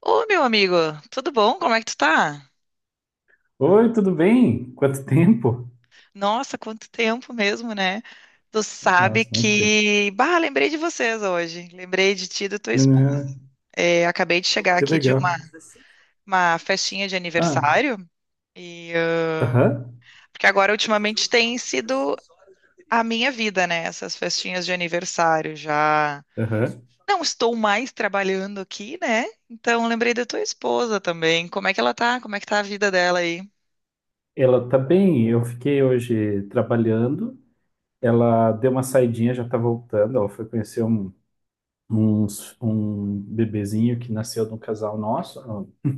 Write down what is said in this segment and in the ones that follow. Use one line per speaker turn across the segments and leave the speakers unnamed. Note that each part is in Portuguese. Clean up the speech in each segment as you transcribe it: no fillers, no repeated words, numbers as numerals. Ô, meu amigo, tudo bom? Como é que tu tá?
Oi, tudo bem? Quanto tempo?
Nossa, quanto tempo mesmo, né?
Nossa, muito tempo.
Bah, lembrei de vocês hoje. Lembrei de ti e da tua esposa.
Né?
É, acabei de chegar
fazer Que
aqui de uma,
legal.
uma festinha de
Ah,
aniversário e... ah,
aham,
porque agora, ultimamente, tem sido a minha vida, né? Essas festinhas de aniversário. Já
aham.
não estou mais trabalhando aqui, né? Então, lembrei da tua esposa também. Como é que ela tá? Como é que tá a vida dela aí?
Ela tá bem. Eu fiquei hoje trabalhando.
Uhum.
Ela deu uma saidinha, já tá voltando. Ela foi conhecer um bebezinho que nasceu de um casal nosso. Um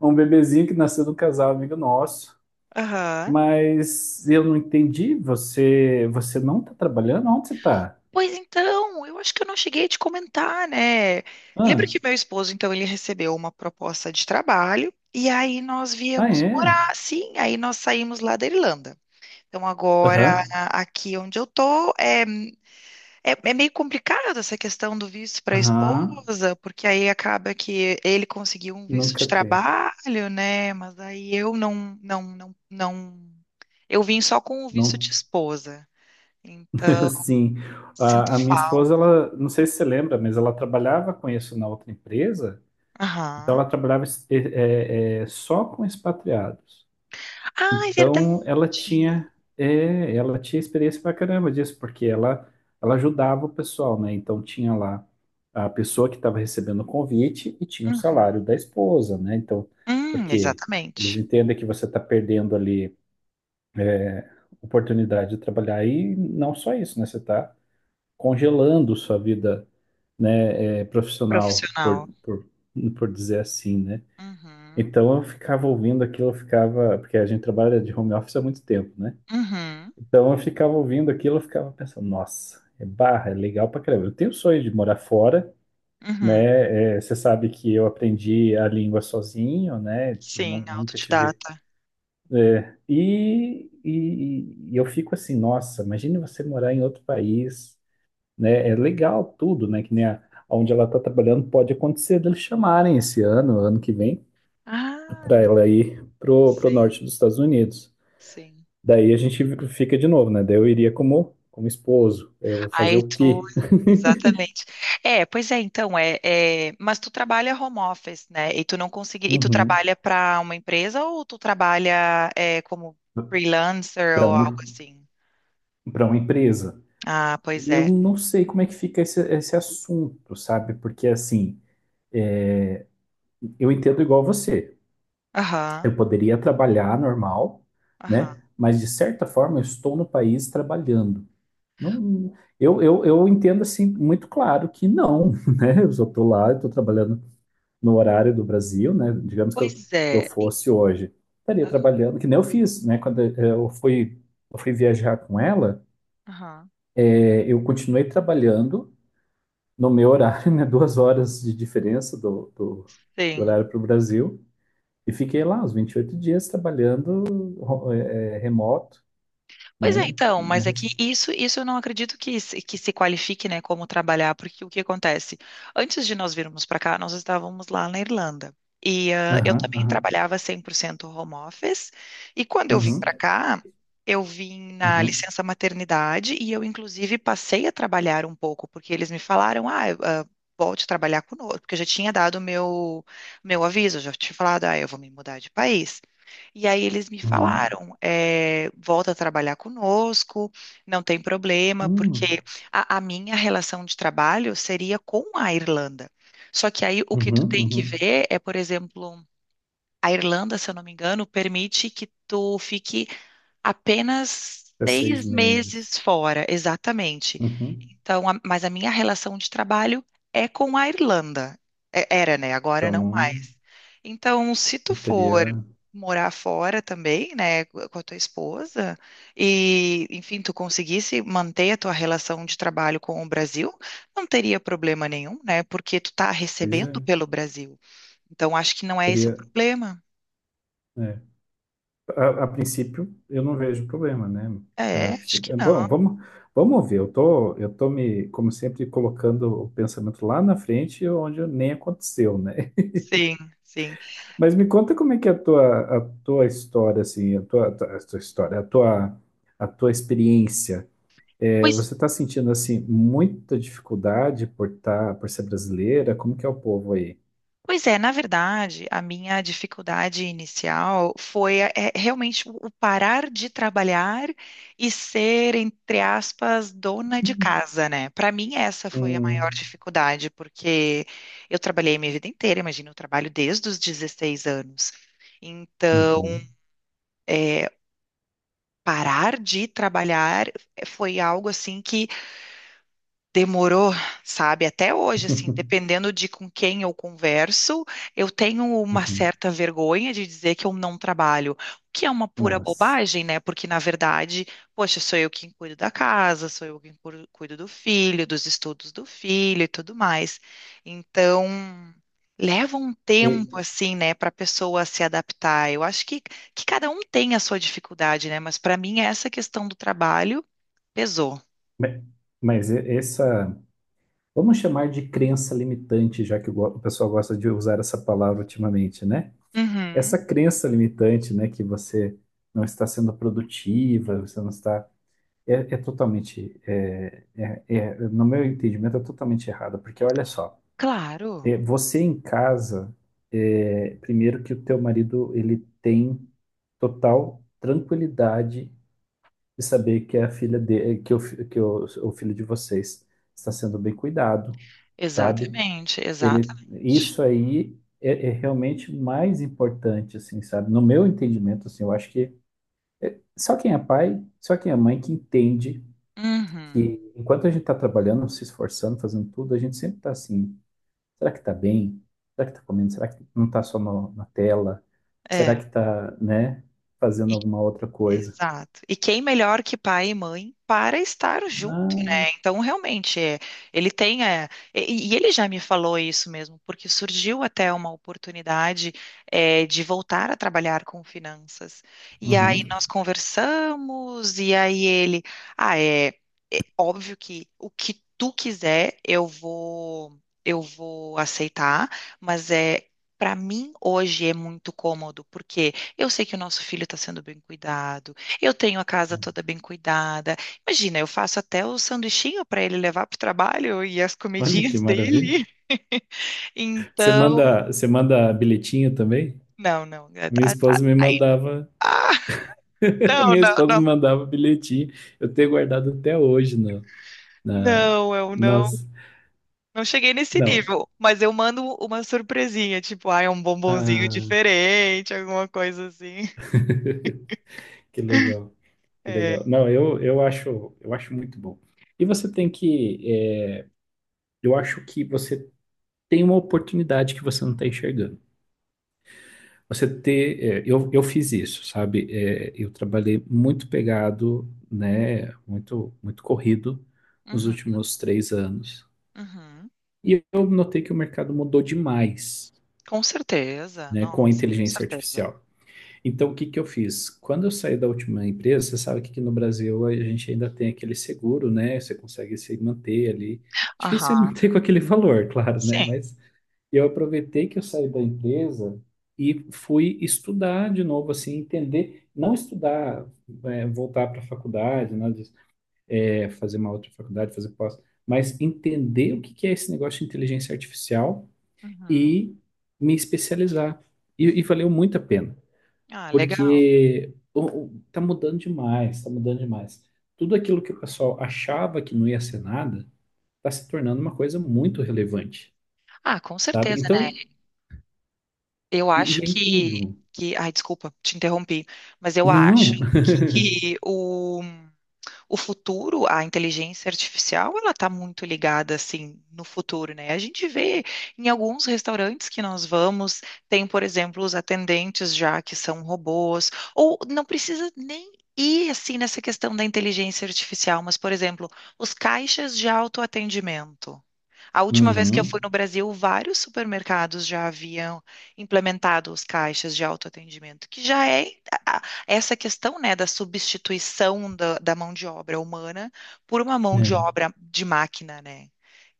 um bebezinho que nasceu de um casal amigo nosso.
Aham.
Mas eu não entendi. Você não tá trabalhando? Onde você tá?
Pois então, eu acho que eu não cheguei a te comentar, né? Lembra
Ah,
que meu esposo, então, ele recebeu uma proposta de trabalho e aí nós
ah
viemos
é?
morar, sim, aí nós saímos lá da Irlanda. Então, agora,
Aham,
aqui onde eu tô, é meio complicado essa questão do visto para a
aham.
esposa, porque aí acaba que ele conseguiu um visto de
Nunca tem.
trabalho, né? Mas aí eu não, não, não, não. Eu vim só com o visto
Não,
de esposa. Então,
assim,
sinto
a minha
falta.
esposa, ela, não sei se você lembra, mas ela trabalhava com isso na outra empresa, então
Aham.
ela trabalhava só com expatriados.
Ah, é verdade.
Então ela tinha, ela tinha experiência pra caramba disso, porque ela ajudava o pessoal, né? Então tinha lá a pessoa que estava recebendo o convite e tinha o
Uhum.
salário da esposa, né? Então, porque eles
Exatamente.
entendem que você está perdendo ali oportunidade de trabalhar e não só isso, né? Você está congelando sua vida, né, profissional, por,
Profissional.
por, por dizer assim, né?
Uhum.
Então eu ficava ouvindo aquilo, eu ficava, porque a gente trabalha de home office há muito tempo, né?
Uhum.
Então eu ficava ouvindo aquilo, eu ficava pensando, nossa, é barra, é legal pra caramba. Eu tenho o sonho de morar fora,
Uhum.
né? É, você sabe que eu aprendi a língua sozinho, né?
Sim,
Nunca tive.
autodidata.
E eu fico assim, nossa, imagine você morar em outro país, né? É legal tudo, né? Que nem onde ela está trabalhando, pode acontecer deles chamarem esse ano, ano que vem, para
Ah,
ela ir pro
sim,
norte dos Estados Unidos.
sim.
Daí a gente fica de novo, né? Daí eu iria como esposo. É, eu vou fazer
Aí
o
tu,
quê?
exatamente. É, pois é, então, mas tu trabalha home office, né? E tu não consegui, e tu
Uhum.
trabalha para uma empresa ou tu trabalha como freelancer
Para
ou
uma,
algo assim?
para uma empresa.
Ah, pois
E eu
é.
não sei como é que fica esse assunto, sabe? Porque assim, é, eu entendo igual você.
Aham,
Eu poderia trabalhar normal,
aham.
né? Mas de certa forma eu estou no país trabalhando. Não, eu entendo assim muito claro que não, né? Eu só estou lá, estou trabalhando no horário do Brasil, né? Digamos que eu,
Pois
eu
é.
fosse hoje, estaria trabalhando, que nem eu fiz, né? Quando eu fui viajar com ela,
Aham.
eu continuei trabalhando no meu horário, né? 2 horas de diferença do, do
Sim.
horário para o Brasil, e fiquei lá os 28 dias trabalhando remoto,
Pois é,
né?
então, mas é
Mas.
que isso eu não acredito que, que se qualifique, né, como trabalhar, porque o que acontece? Antes de nós virmos para cá, nós estávamos lá na Irlanda. E eu
Aham,
também
aham,
trabalhava 100% home office. E quando eu vim
uhum,
para cá, eu vim na
uhum,
licença maternidade e eu, inclusive, passei a trabalhar um pouco, porque eles me falaram, volte a trabalhar conosco, porque eu já tinha dado meu aviso, eu já tinha falado, eu vou me mudar de país. E aí eles me
uhum,
falaram, volta a trabalhar conosco, não tem problema,
uhum. Hum.
porque a minha relação de trabalho seria com a Irlanda. Só que aí o que tu
Uhum,
tem que
uhum.
ver é, por exemplo, a Irlanda, se eu não me engano, permite que tu fique apenas
Fica seis
seis
meses.
meses fora, exatamente.
Uhum.
Então, mas a minha relação de trabalho é com a Irlanda. Era, né? Agora
Então
não
não,
mais. Então, se tu
não
for
teria.
morar fora também, né, com a tua esposa, e, enfim, tu conseguisse manter a tua relação de trabalho com o Brasil, não teria problema nenhum, né? Porque tu tá
Pois
recebendo
é,
pelo Brasil. Então, acho que não é esse o
teria.
problema.
É. A princípio, eu não vejo problema, né?
É, acho que não.
Bom, vamos ver. Eu tô me, como sempre, colocando o pensamento lá na frente, onde nem aconteceu, né?
Sim, sim.
Mas me conta como é que é a tua história, assim, a tua história, a tua experiência. É,
Pois
você está sentindo assim muita dificuldade por ser brasileira? Como que é o povo aí?
Pois é, na verdade, a minha dificuldade inicial foi realmente o parar de trabalhar e ser, entre aspas, dona de casa, né? Para mim, essa foi a maior
Hum,
dificuldade, porque eu trabalhei a minha vida inteira, imagina, eu trabalho desde os 16 anos. Então,
uhum,
parar de trabalhar foi algo assim que demorou, sabe? Até hoje, assim, dependendo de com quem eu converso, eu tenho uma
uhum.
certa vergonha de dizer que eu não trabalho, o que é uma pura
Nossa.
bobagem, né? Porque, na verdade, poxa, sou eu quem cuido da casa, sou eu quem cuido do filho, dos estudos do filho e tudo mais. Então, leva um tempo,
E-
assim, né, para a pessoa se adaptar. Eu acho que cada um tem a sua dificuldade, né? Mas, para mim, essa questão do trabalho pesou.
me- essa, vamos chamar de crença limitante, já que o pessoal gosta de usar essa palavra ultimamente, né? Essa
Uhum.
crença limitante, né, que você não está sendo produtiva, você não está, totalmente, no meu entendimento, é totalmente errada, porque olha só.
Claro,
É, você em casa, primeiro que o teu marido ele tem total tranquilidade de saber que a filha de, que, o, o filho de vocês está sendo bem cuidado, sabe?
exatamente, exatamente.
Isso aí é realmente mais importante, assim, sabe? No meu entendimento, assim, eu acho que só quem é pai, só quem é mãe que entende
Uhum,
que enquanto a gente está trabalhando, se esforçando, fazendo tudo, a gente sempre está assim. Será que está bem? Será que está comendo? Será que não está só na tela? Será
é,
que está, né, fazendo
e-
alguma outra coisa?
exato. E quem melhor que pai e mãe para estar
Não.
né? Então, realmente, ele tem. E ele já me falou isso mesmo, porque surgiu até uma oportunidade, de voltar a trabalhar com finanças. E aí
Uhum.
nós conversamos, e aí ele. Ah, é óbvio que o que tu quiser, eu vou aceitar, mas é. Para mim, hoje é muito cômodo, porque eu sei que o nosso filho está sendo bem cuidado, eu tenho a casa toda bem cuidada, imagina, eu faço até o sanduichinho para ele levar para o trabalho e as
Olha que
comidinhas
maravilha.
dele.
Você
Então,
manda, você manda bilhetinho também?
não, não.
Minha esposa me mandava,
Ah, não,
minha
não,
esposa
não.
me mandava bilhetinho. Eu tenho guardado até hoje na,
Não, eu não,
nossa,
não cheguei nesse
não.
nível, mas eu mando uma surpresinha, tipo, é um bombonzinho
Ah,
diferente, alguma coisa assim.
que legal, que legal.
É.
Não, eu acho muito bom. E você eu acho que você tem uma oportunidade que você não está enxergando. Você ter, é, eu fiz isso, sabe? É, eu trabalhei muito pegado, né? Muito, muito corrido nos
Uhum,
últimos 3 anos.
uhum.
E eu notei que o mercado mudou demais,
Com certeza,
né? Com a
nossa, com
inteligência
certeza.
artificial. Então, o que que eu fiz? Quando eu saí da última empresa, você sabe que aqui no Brasil a gente ainda tem aquele seguro, né? Você consegue se manter ali. Difícil é
Aham,
manter com aquele valor, claro, né?
sim.
E eu aproveitei que eu saí da empresa e fui estudar de novo, assim, entender, não estudar, voltar para a faculdade, né, fazer uma outra faculdade, fazer pós, mas entender o que que é esse negócio de inteligência artificial
Uhum.
e me especializar. E valeu muito a pena,
Ah, legal.
porque tá mudando demais, tá mudando demais. Tudo aquilo que o pessoal achava que não ia ser nada, está se tornando uma coisa muito relevante,
Ah, com
sabe?
certeza.
Então,
Eu
e,
acho
e é em
que,
tudo.
que. Ai, desculpa, te interrompi. Mas eu
Não.
acho que o futuro, a inteligência artificial, ela está muito ligada, assim, no futuro, né? A gente vê em alguns restaurantes que nós vamos, tem, por exemplo, os atendentes já que são robôs, ou não precisa nem ir, assim, nessa questão da inteligência artificial, mas, por exemplo, os caixas de autoatendimento. A última vez que eu fui
Uhum.
no Brasil, vários supermercados já haviam implementado os caixas de autoatendimento, que já é a- essa questão, né, da substituição da mão de obra humana por uma mão de
É.
obra de máquina, né?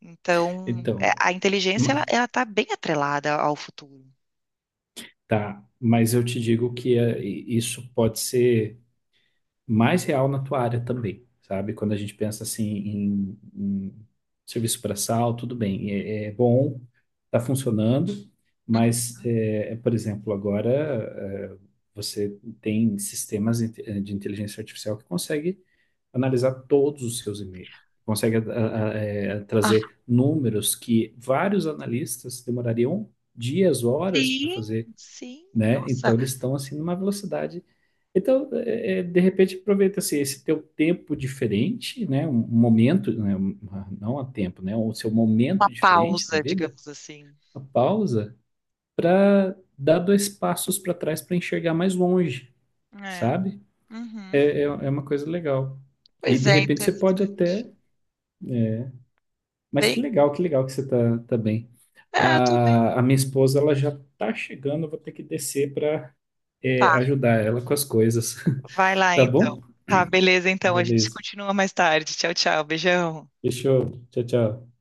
Então,
Então,
a inteligência, ela,
ma-
ela está bem atrelada ao futuro.
tá. Mas eu te digo que isso pode ser mais real na tua área também, sabe? Quando a gente pensa assim em serviço braçal, tudo bem, é bom, tá funcionando,
Uhum.
mas, por exemplo, agora é, você tem sistemas de inteligência artificial que consegue analisar todos os seus e-mails. Consegue trazer números que vários analistas demorariam dias, horas para
Sim,
fazer,
sim.
né?
Nossa,
Então eles estão assim numa velocidade. Então, de repente, aproveita assim, esse teu tempo diferente, né? Um momento, né? Não há tempo, né? O seu momento
uma
diferente da
pausa,
vida,
digamos assim.
a pausa, para dar dois passos para trás para enxergar mais longe,
É.
sabe? é,
Uhum.
é é uma coisa legal. E
Pois
de
é,
repente você pode
interessante.
até. Mas
Bem,
que legal, que legal que você tá bem.
eu tô bem.
A minha esposa, ela já tá chegando, eu vou ter que descer para
Tá,
ajudar ela com as coisas.
vai lá
Tá
então.
bom?
Tá, beleza, então. A gente
Beleza.
continua mais tarde. Tchau, tchau. Beijão.
Fechou. Tchau, tchau.